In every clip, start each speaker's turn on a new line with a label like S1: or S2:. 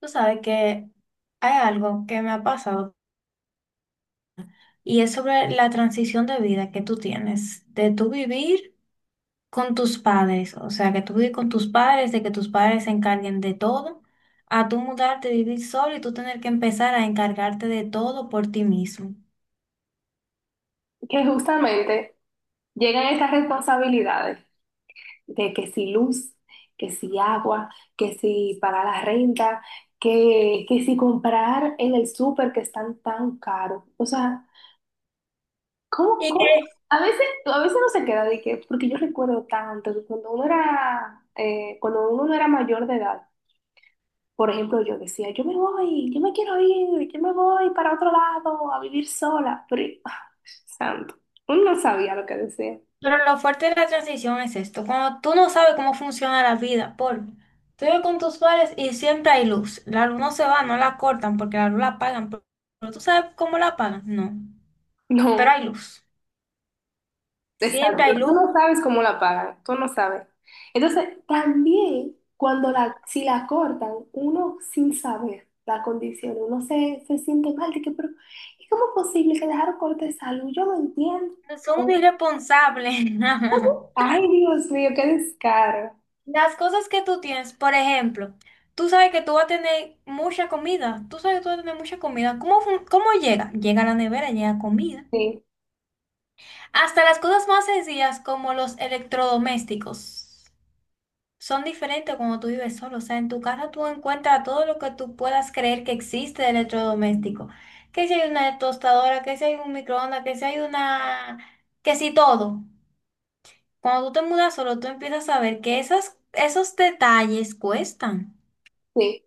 S1: Tú sabes que hay algo que me ha pasado y es sobre la transición de vida que tú tienes, de tú vivir con tus padres, o sea, que tú vives con tus padres, de que tus padres se encarguen de todo, a tú mudarte, vivir solo y tú tener que empezar a encargarte de todo por ti mismo.
S2: Que justamente llegan estas responsabilidades de que si luz, que si agua, que si pagar la renta, que si comprar en el súper que están tan caros. O sea, ¿cómo,
S1: ¿Y
S2: cómo?
S1: qué?
S2: A veces no se queda de que, porque yo recuerdo tanto que cuando uno era, cuando uno no era mayor de edad, por ejemplo, yo decía, yo me voy, yo me quiero ir, yo me voy para otro lado a vivir sola. Pero, ah, santo, uno no sabía lo que decía.
S1: Pero lo fuerte de la transición es esto, cuando tú no sabes cómo funciona la vida, por tú vives con tus padres y siempre hay luz, la luz no se va, no la cortan porque la luz la apagan, pero tú sabes cómo la apagan, no. Pero
S2: No.
S1: hay luz. Siempre
S2: Exacto,
S1: hay
S2: tú
S1: luz.
S2: no sabes cómo la pagan, tú no sabes. Entonces, también cuando la, si la cortan, uno sin saber la condición, uno se siente mal, de que, pero ¿y cómo es posible que dejaron corte de salud? Yo no entiendo.
S1: Son unos irresponsables.
S2: Ay, Dios mío, qué descaro.
S1: Las cosas que tú tienes, por ejemplo, tú sabes que tú vas a tener mucha comida. Tú sabes que tú vas a tener mucha comida. ¿Cómo, cómo llega? Llega a la nevera, llega comida.
S2: Sí,
S1: Hasta las cosas más sencillas como los electrodomésticos son diferentes cuando tú vives solo. O sea, en tu casa tú encuentras todo lo que tú puedas creer que existe de electrodoméstico. Que si hay una tostadora, que si hay un microondas, que si hay una... que si todo. Cuando tú te mudas solo, tú empiezas a ver que esos detalles cuestan.
S2: sí.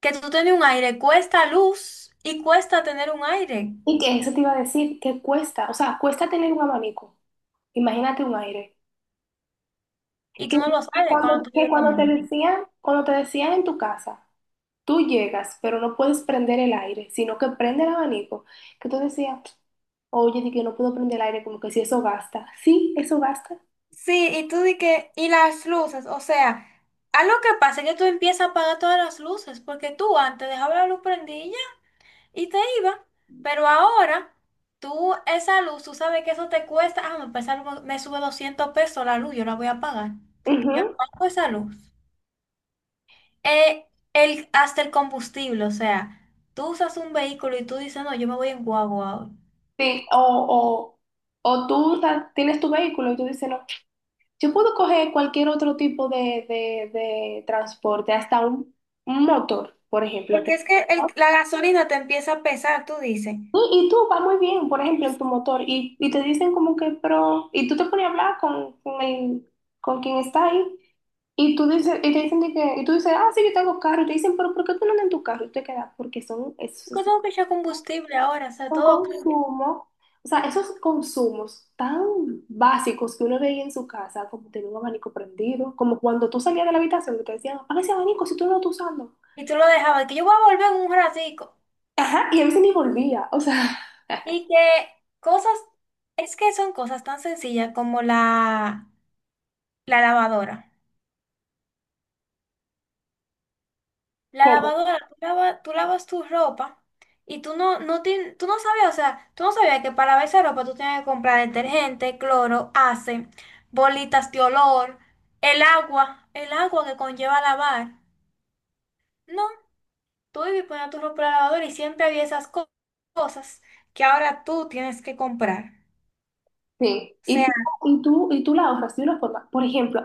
S1: Que tú tener un aire cuesta luz y cuesta tener un aire.
S2: Y que eso te iba a decir, que cuesta, o sea, cuesta tener un abanico, imagínate un aire.
S1: Y
S2: Que,
S1: tú no lo
S2: que
S1: sabes
S2: cuando,
S1: cuando tú
S2: que
S1: vives con
S2: cuando te
S1: él.
S2: decían, cuando te decían en tu casa. Tú llegas, pero no puedes prender el aire, sino que prende el abanico. Que tú decías, oye, di que no puedo prender el aire, como que si eso gasta. Sí, eso gasta.
S1: Sí, y tú di que, y las luces, o sea, algo que pasa es que tú empiezas a apagar todas las luces, porque tú antes dejabas la luz prendida y ya, y te iba, pero ahora tú esa luz, tú sabes que eso te cuesta, ah, me sube 200 pesos la luz, yo la voy a pagar. Yo
S2: Ujú.
S1: apago esa luz. eh, hasta el combustible, o sea, tú usas un vehículo y tú dices, no, yo me voy en guagua hoy.
S2: Sí, o tú tienes tu vehículo y tú dices, no, yo puedo coger cualquier otro tipo de transporte, hasta un motor, por ejemplo.
S1: Porque
S2: Que-
S1: es que la gasolina te empieza a pesar, tú dices. Yo
S2: Sí. Y tú vas muy bien, por ejemplo, en tu motor, y te dicen como que, pero, y tú te pones a hablar con quien está ahí. Y tú dices, y te dicen de que, y tú dices, ah, sí, yo tengo carro. Y te dicen, pero ¿por qué tú no andas en tu carro? Y te quedas, porque son, esos
S1: tengo que echar combustible ahora, o sea,
S2: son
S1: todo cambia.
S2: consumos, o sea, esos consumos tan básicos que uno veía en su casa, como tener un abanico prendido, como cuando tú salías de la habitación que te decían, apaga ese abanico si tú no lo estás usando.
S1: Y tú lo dejabas, que yo voy a volver en un ratico.
S2: Ajá, y a veces ni volvía, o sea,
S1: Y que cosas, es que son cosas tan sencillas como la lavadora. La
S2: ¿cómo?
S1: lavadora, tú lavas tu ropa y tú no sabías, o sea, tú no sabías que para lavar esa ropa tú tenías que comprar detergente, cloro, ace, bolitas de olor, el agua que conlleva lavar. No, tú ibas y ponías tu ropa en la lavadora y siempre había cosas que ahora tú tienes que comprar.
S2: Sí,
S1: O
S2: y
S1: sea,
S2: tú, y tú, y tú la ahorras de una forma. Por ejemplo,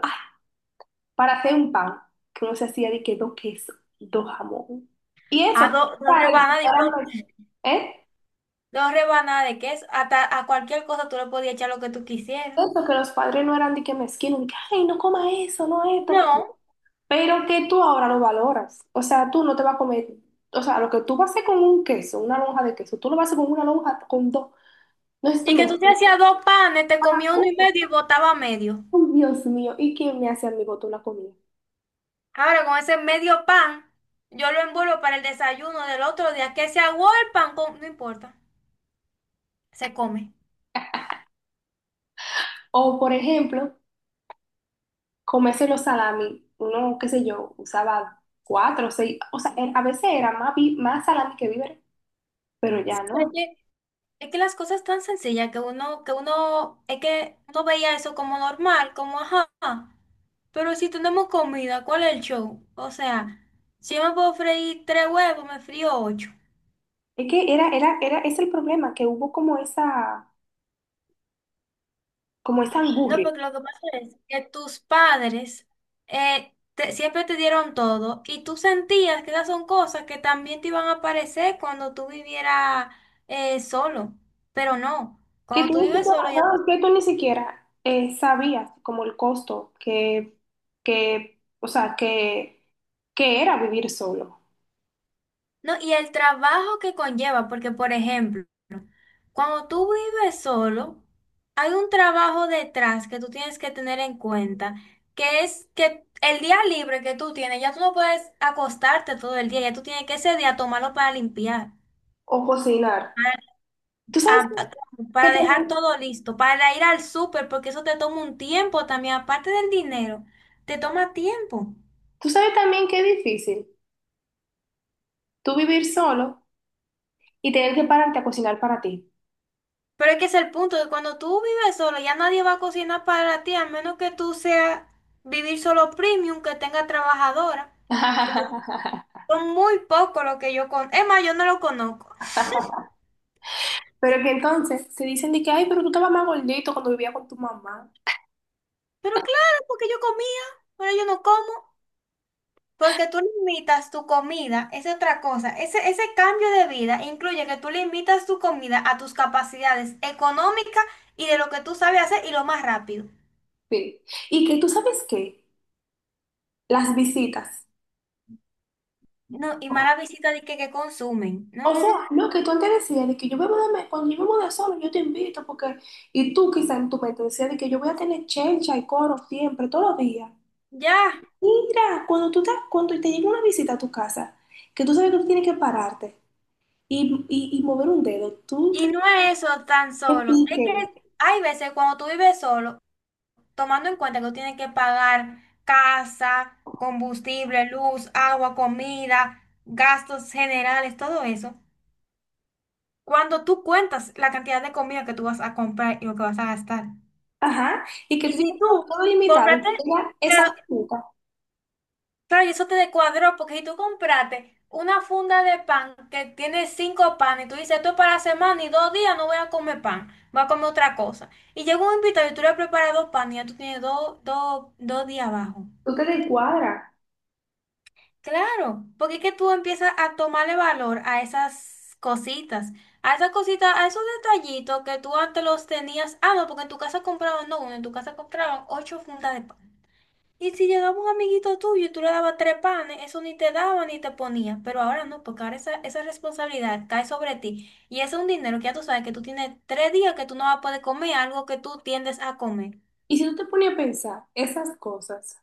S2: para hacer un pan, que uno se hacía de que dos quesos, dos jamón. Y eso,
S1: a
S2: que
S1: do-
S2: los
S1: dos
S2: padres no
S1: rebanadas de
S2: eran
S1: por-
S2: mez- ¿eh?
S1: dos rebanadas de queso, hasta a cualquier cosa tú le podías echar lo que tú quisieras.
S2: Eso, que los padres no eran de que mezquinos, de que, ay, no coma eso, no esto. Que-".
S1: No.
S2: Pero que tú ahora lo valoras. O sea, tú no te vas a comer, o sea, lo que tú vas a hacer con un queso, una lonja de queso, tú lo vas a hacer con una lonja, con dos. No es esto
S1: Y
S2: me.
S1: que tú te hacías dos panes, te comías uno y medio y botaba medio.
S2: Ay, Dios mío, ¿y quién me hace a mi botón la comida?
S1: Ahora con ese medio pan, yo lo envuelvo para el desayuno del otro día. Que se aguó el pan, no importa, se come.
S2: O, por ejemplo, comerse los salami, uno, qué sé yo, usaba cuatro, seis, o sea, era- a veces era más, vi- más salami que víveres, pero ya
S1: Sí, pero
S2: no.
S1: es que las cosas tan sencillas que uno, es que uno veía eso como normal, como ajá. Pero si tenemos comida, ¿cuál es el show? O sea, si yo me puedo freír tres huevos, me frío ocho.
S2: Es que era, es el problema, que hubo como esa
S1: No,
S2: angurria,
S1: porque lo que pasa es que tus padres siempre te dieron todo y tú sentías que esas son cosas que también te iban a aparecer cuando tú vivieras, solo, pero no,
S2: que
S1: cuando
S2: tú
S1: tú
S2: ni
S1: vives
S2: siquiera,
S1: solo ya...
S2: no, que tú ni siquiera sabías como el costo que, o sea, que era vivir solo
S1: No, y el trabajo que conlleva, porque por ejemplo, cuando tú vives solo, hay un trabajo detrás que tú tienes que tener en cuenta, que es que el día libre que tú tienes, ya tú no puedes acostarte todo el día, ya tú tienes que ese día tomarlo para limpiar.
S2: o cocinar. Tú sabes
S1: Ah, claro,
S2: que
S1: para dejar
S2: también-
S1: todo listo, para ir al súper, porque eso te toma un tiempo también, aparte del dinero, te toma tiempo.
S2: tú sabes también que es difícil tú vivir solo y tener que pararte a cocinar para ti.
S1: Pero es que ese es el punto, que cuando tú vives solo, ya nadie va a cocinar para ti, a menos que tú seas vivir solo premium, que tenga trabajadora, que son muy pocos los que yo conozco. Es más, yo no lo conozco.
S2: Pero que entonces se dicen de que, ay, pero tú estabas más gordito cuando vivía con tu mamá.
S1: Pero claro, porque yo comía, ahora yo no como. Porque tú limitas tu comida, es otra cosa. Ese cambio de vida incluye que tú limitas tu comida a tus capacidades económicas y de lo que tú sabes hacer y lo más rápido.
S2: Sí. Y que tú sabes qué, las visitas.
S1: No, y mala visita de que consumen.
S2: O
S1: No, no, no.
S2: sea, lo que tú antes decías de que yo me voy de, cuando yo me voy de solo, yo te invito porque, y tú quizás en tu mente decías de que yo voy a tener chencha y coro siempre, todos los días.
S1: Ya.
S2: Mira, cuando te llega una visita a tu casa, que tú sabes que tú tienes que pararte y, y mover un dedo, tú
S1: Y
S2: te
S1: no es eso tan
S2: que
S1: solo. Es
S2: pique.
S1: que hay veces cuando tú vives solo, tomando en cuenta que tú tienes que pagar casa, combustible, luz, agua, comida, gastos generales, todo eso. Cuando tú cuentas la cantidad de comida que tú vas a comprar y lo que vas a gastar.
S2: Ajá, y que
S1: Y
S2: tú tienes
S1: si
S2: todo,
S1: tú
S2: todo limitado, y
S1: compraste,
S2: tú tengas esas
S1: claro,
S2: metas,
S1: claro, y eso te descuadró, porque si tú compraste una funda de pan que tiene cinco panes, y tú dices, esto es para la semana y dos días no voy a comer pan, voy a comer otra cosa. Y llega un invitado y tú le has preparado pan y ya tú tienes dos días abajo.
S2: tú te descuadras.
S1: Claro, porque es que tú empiezas a tomarle valor a esas cositas, a esas cositas, a esos detallitos que tú antes los tenías. Ah, no, porque en tu casa compraban, no, uno, en tu casa compraban ocho fundas de pan. Y si llegaba un amiguito tuyo y tú le dabas tres panes, eso ni te daba ni te ponía. Pero ahora no, porque ahora esa responsabilidad cae sobre ti. Y ese es un dinero que ya tú sabes que tú tienes tres días que tú no vas a poder comer algo que tú tiendes a comer.
S2: Y si tú te pones a pensar esas cosas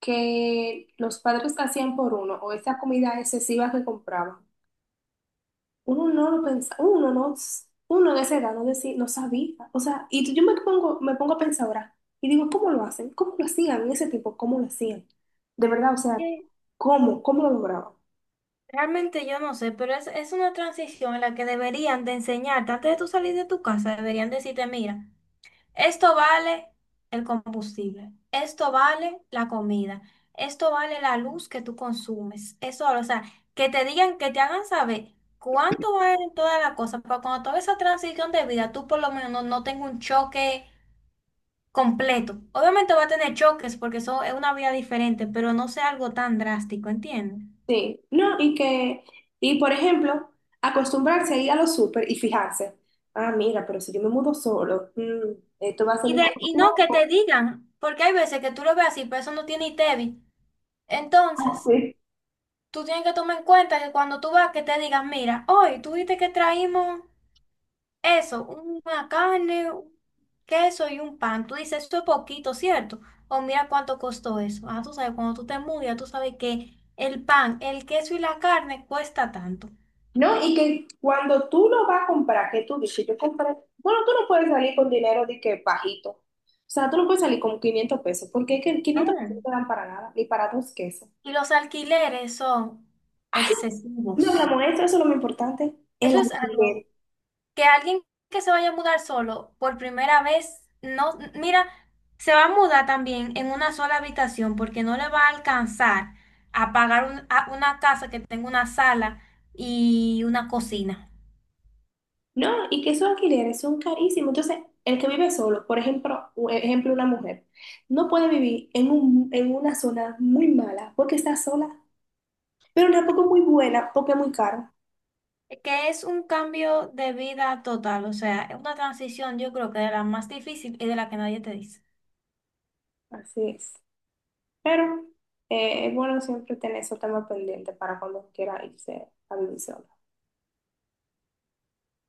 S2: que los padres hacían por uno o esa comida excesiva que compraban, uno no lo pensaba, uno no, uno de esa edad no, decía, no sabía. O sea, y tú- yo me pongo a pensar ahora y digo, ¿cómo lo hacen? ¿Cómo lo hacían en ese tiempo? ¿Cómo lo hacían? De verdad, o sea, ¿cómo? ¿Cómo lo lograban?
S1: Realmente yo no sé, pero es una transición en la que deberían de enseñarte, antes de tú salir de tu casa, deberían decirte, mira, esto vale el combustible, esto vale la comida, esto vale la luz que tú consumes, eso, o sea, que te digan, que te hagan saber cuánto vale toda la cosa, para cuando toda esa transición de vida, tú por lo menos no tengas un choque completo. Obviamente va a tener choques porque eso es una vida diferente, pero no sea algo tan drástico, ¿entiendes?
S2: Sí, no, y que, y por ejemplo, acostumbrarse a ir a los súper y fijarse, ah, mira, pero si yo me mudo solo, esto va a ser
S1: Y,
S2: mi
S1: de, y no que
S2: consumo.
S1: te digan, porque hay veces que tú lo ves así, pero eso no tiene ITEVI. Entonces,
S2: Así.
S1: tú tienes que tomar en cuenta que cuando tú vas, que te digan, mira, hoy tú viste que traímos eso, una carne, un queso y un pan. Tú dices, esto es poquito, ¿cierto? O mira cuánto costó eso. Ah, tú sabes, cuando tú te mudas, ya tú sabes que el pan, el queso y la carne cuesta tanto.
S2: No, y que cuando tú lo vas a comprar, que tú dices, yo compré, bueno, tú no puedes salir con dinero de que bajito, o sea, tú no puedes salir con 500 pesos, porque es que 500 pesos no
S1: No.
S2: te dan para nada, ni para dos quesos.
S1: Y los alquileres son
S2: No, mi
S1: excesivos.
S2: amor, eso es lo más importante, el
S1: Eso es algo
S2: alquiler.
S1: que alguien que se vaya a mudar solo por primera vez, no, mira, se va a mudar también en una sola habitación porque no le va a alcanzar a pagar a una casa que tenga una sala y una cocina.
S2: No, y que esos alquileres son carísimos. Entonces, el que vive solo, por ejemplo, u- ejemplo, una mujer, no puede vivir en un, en una zona muy mala porque está sola, pero tampoco muy buena porque es muy caro.
S1: Que es un cambio de vida total, o sea, es una transición yo creo que de la más difícil y de la que nadie te dice.
S2: Así es. Pero es bueno siempre tener esos temas pendientes para cuando quiera irse a vivir solo.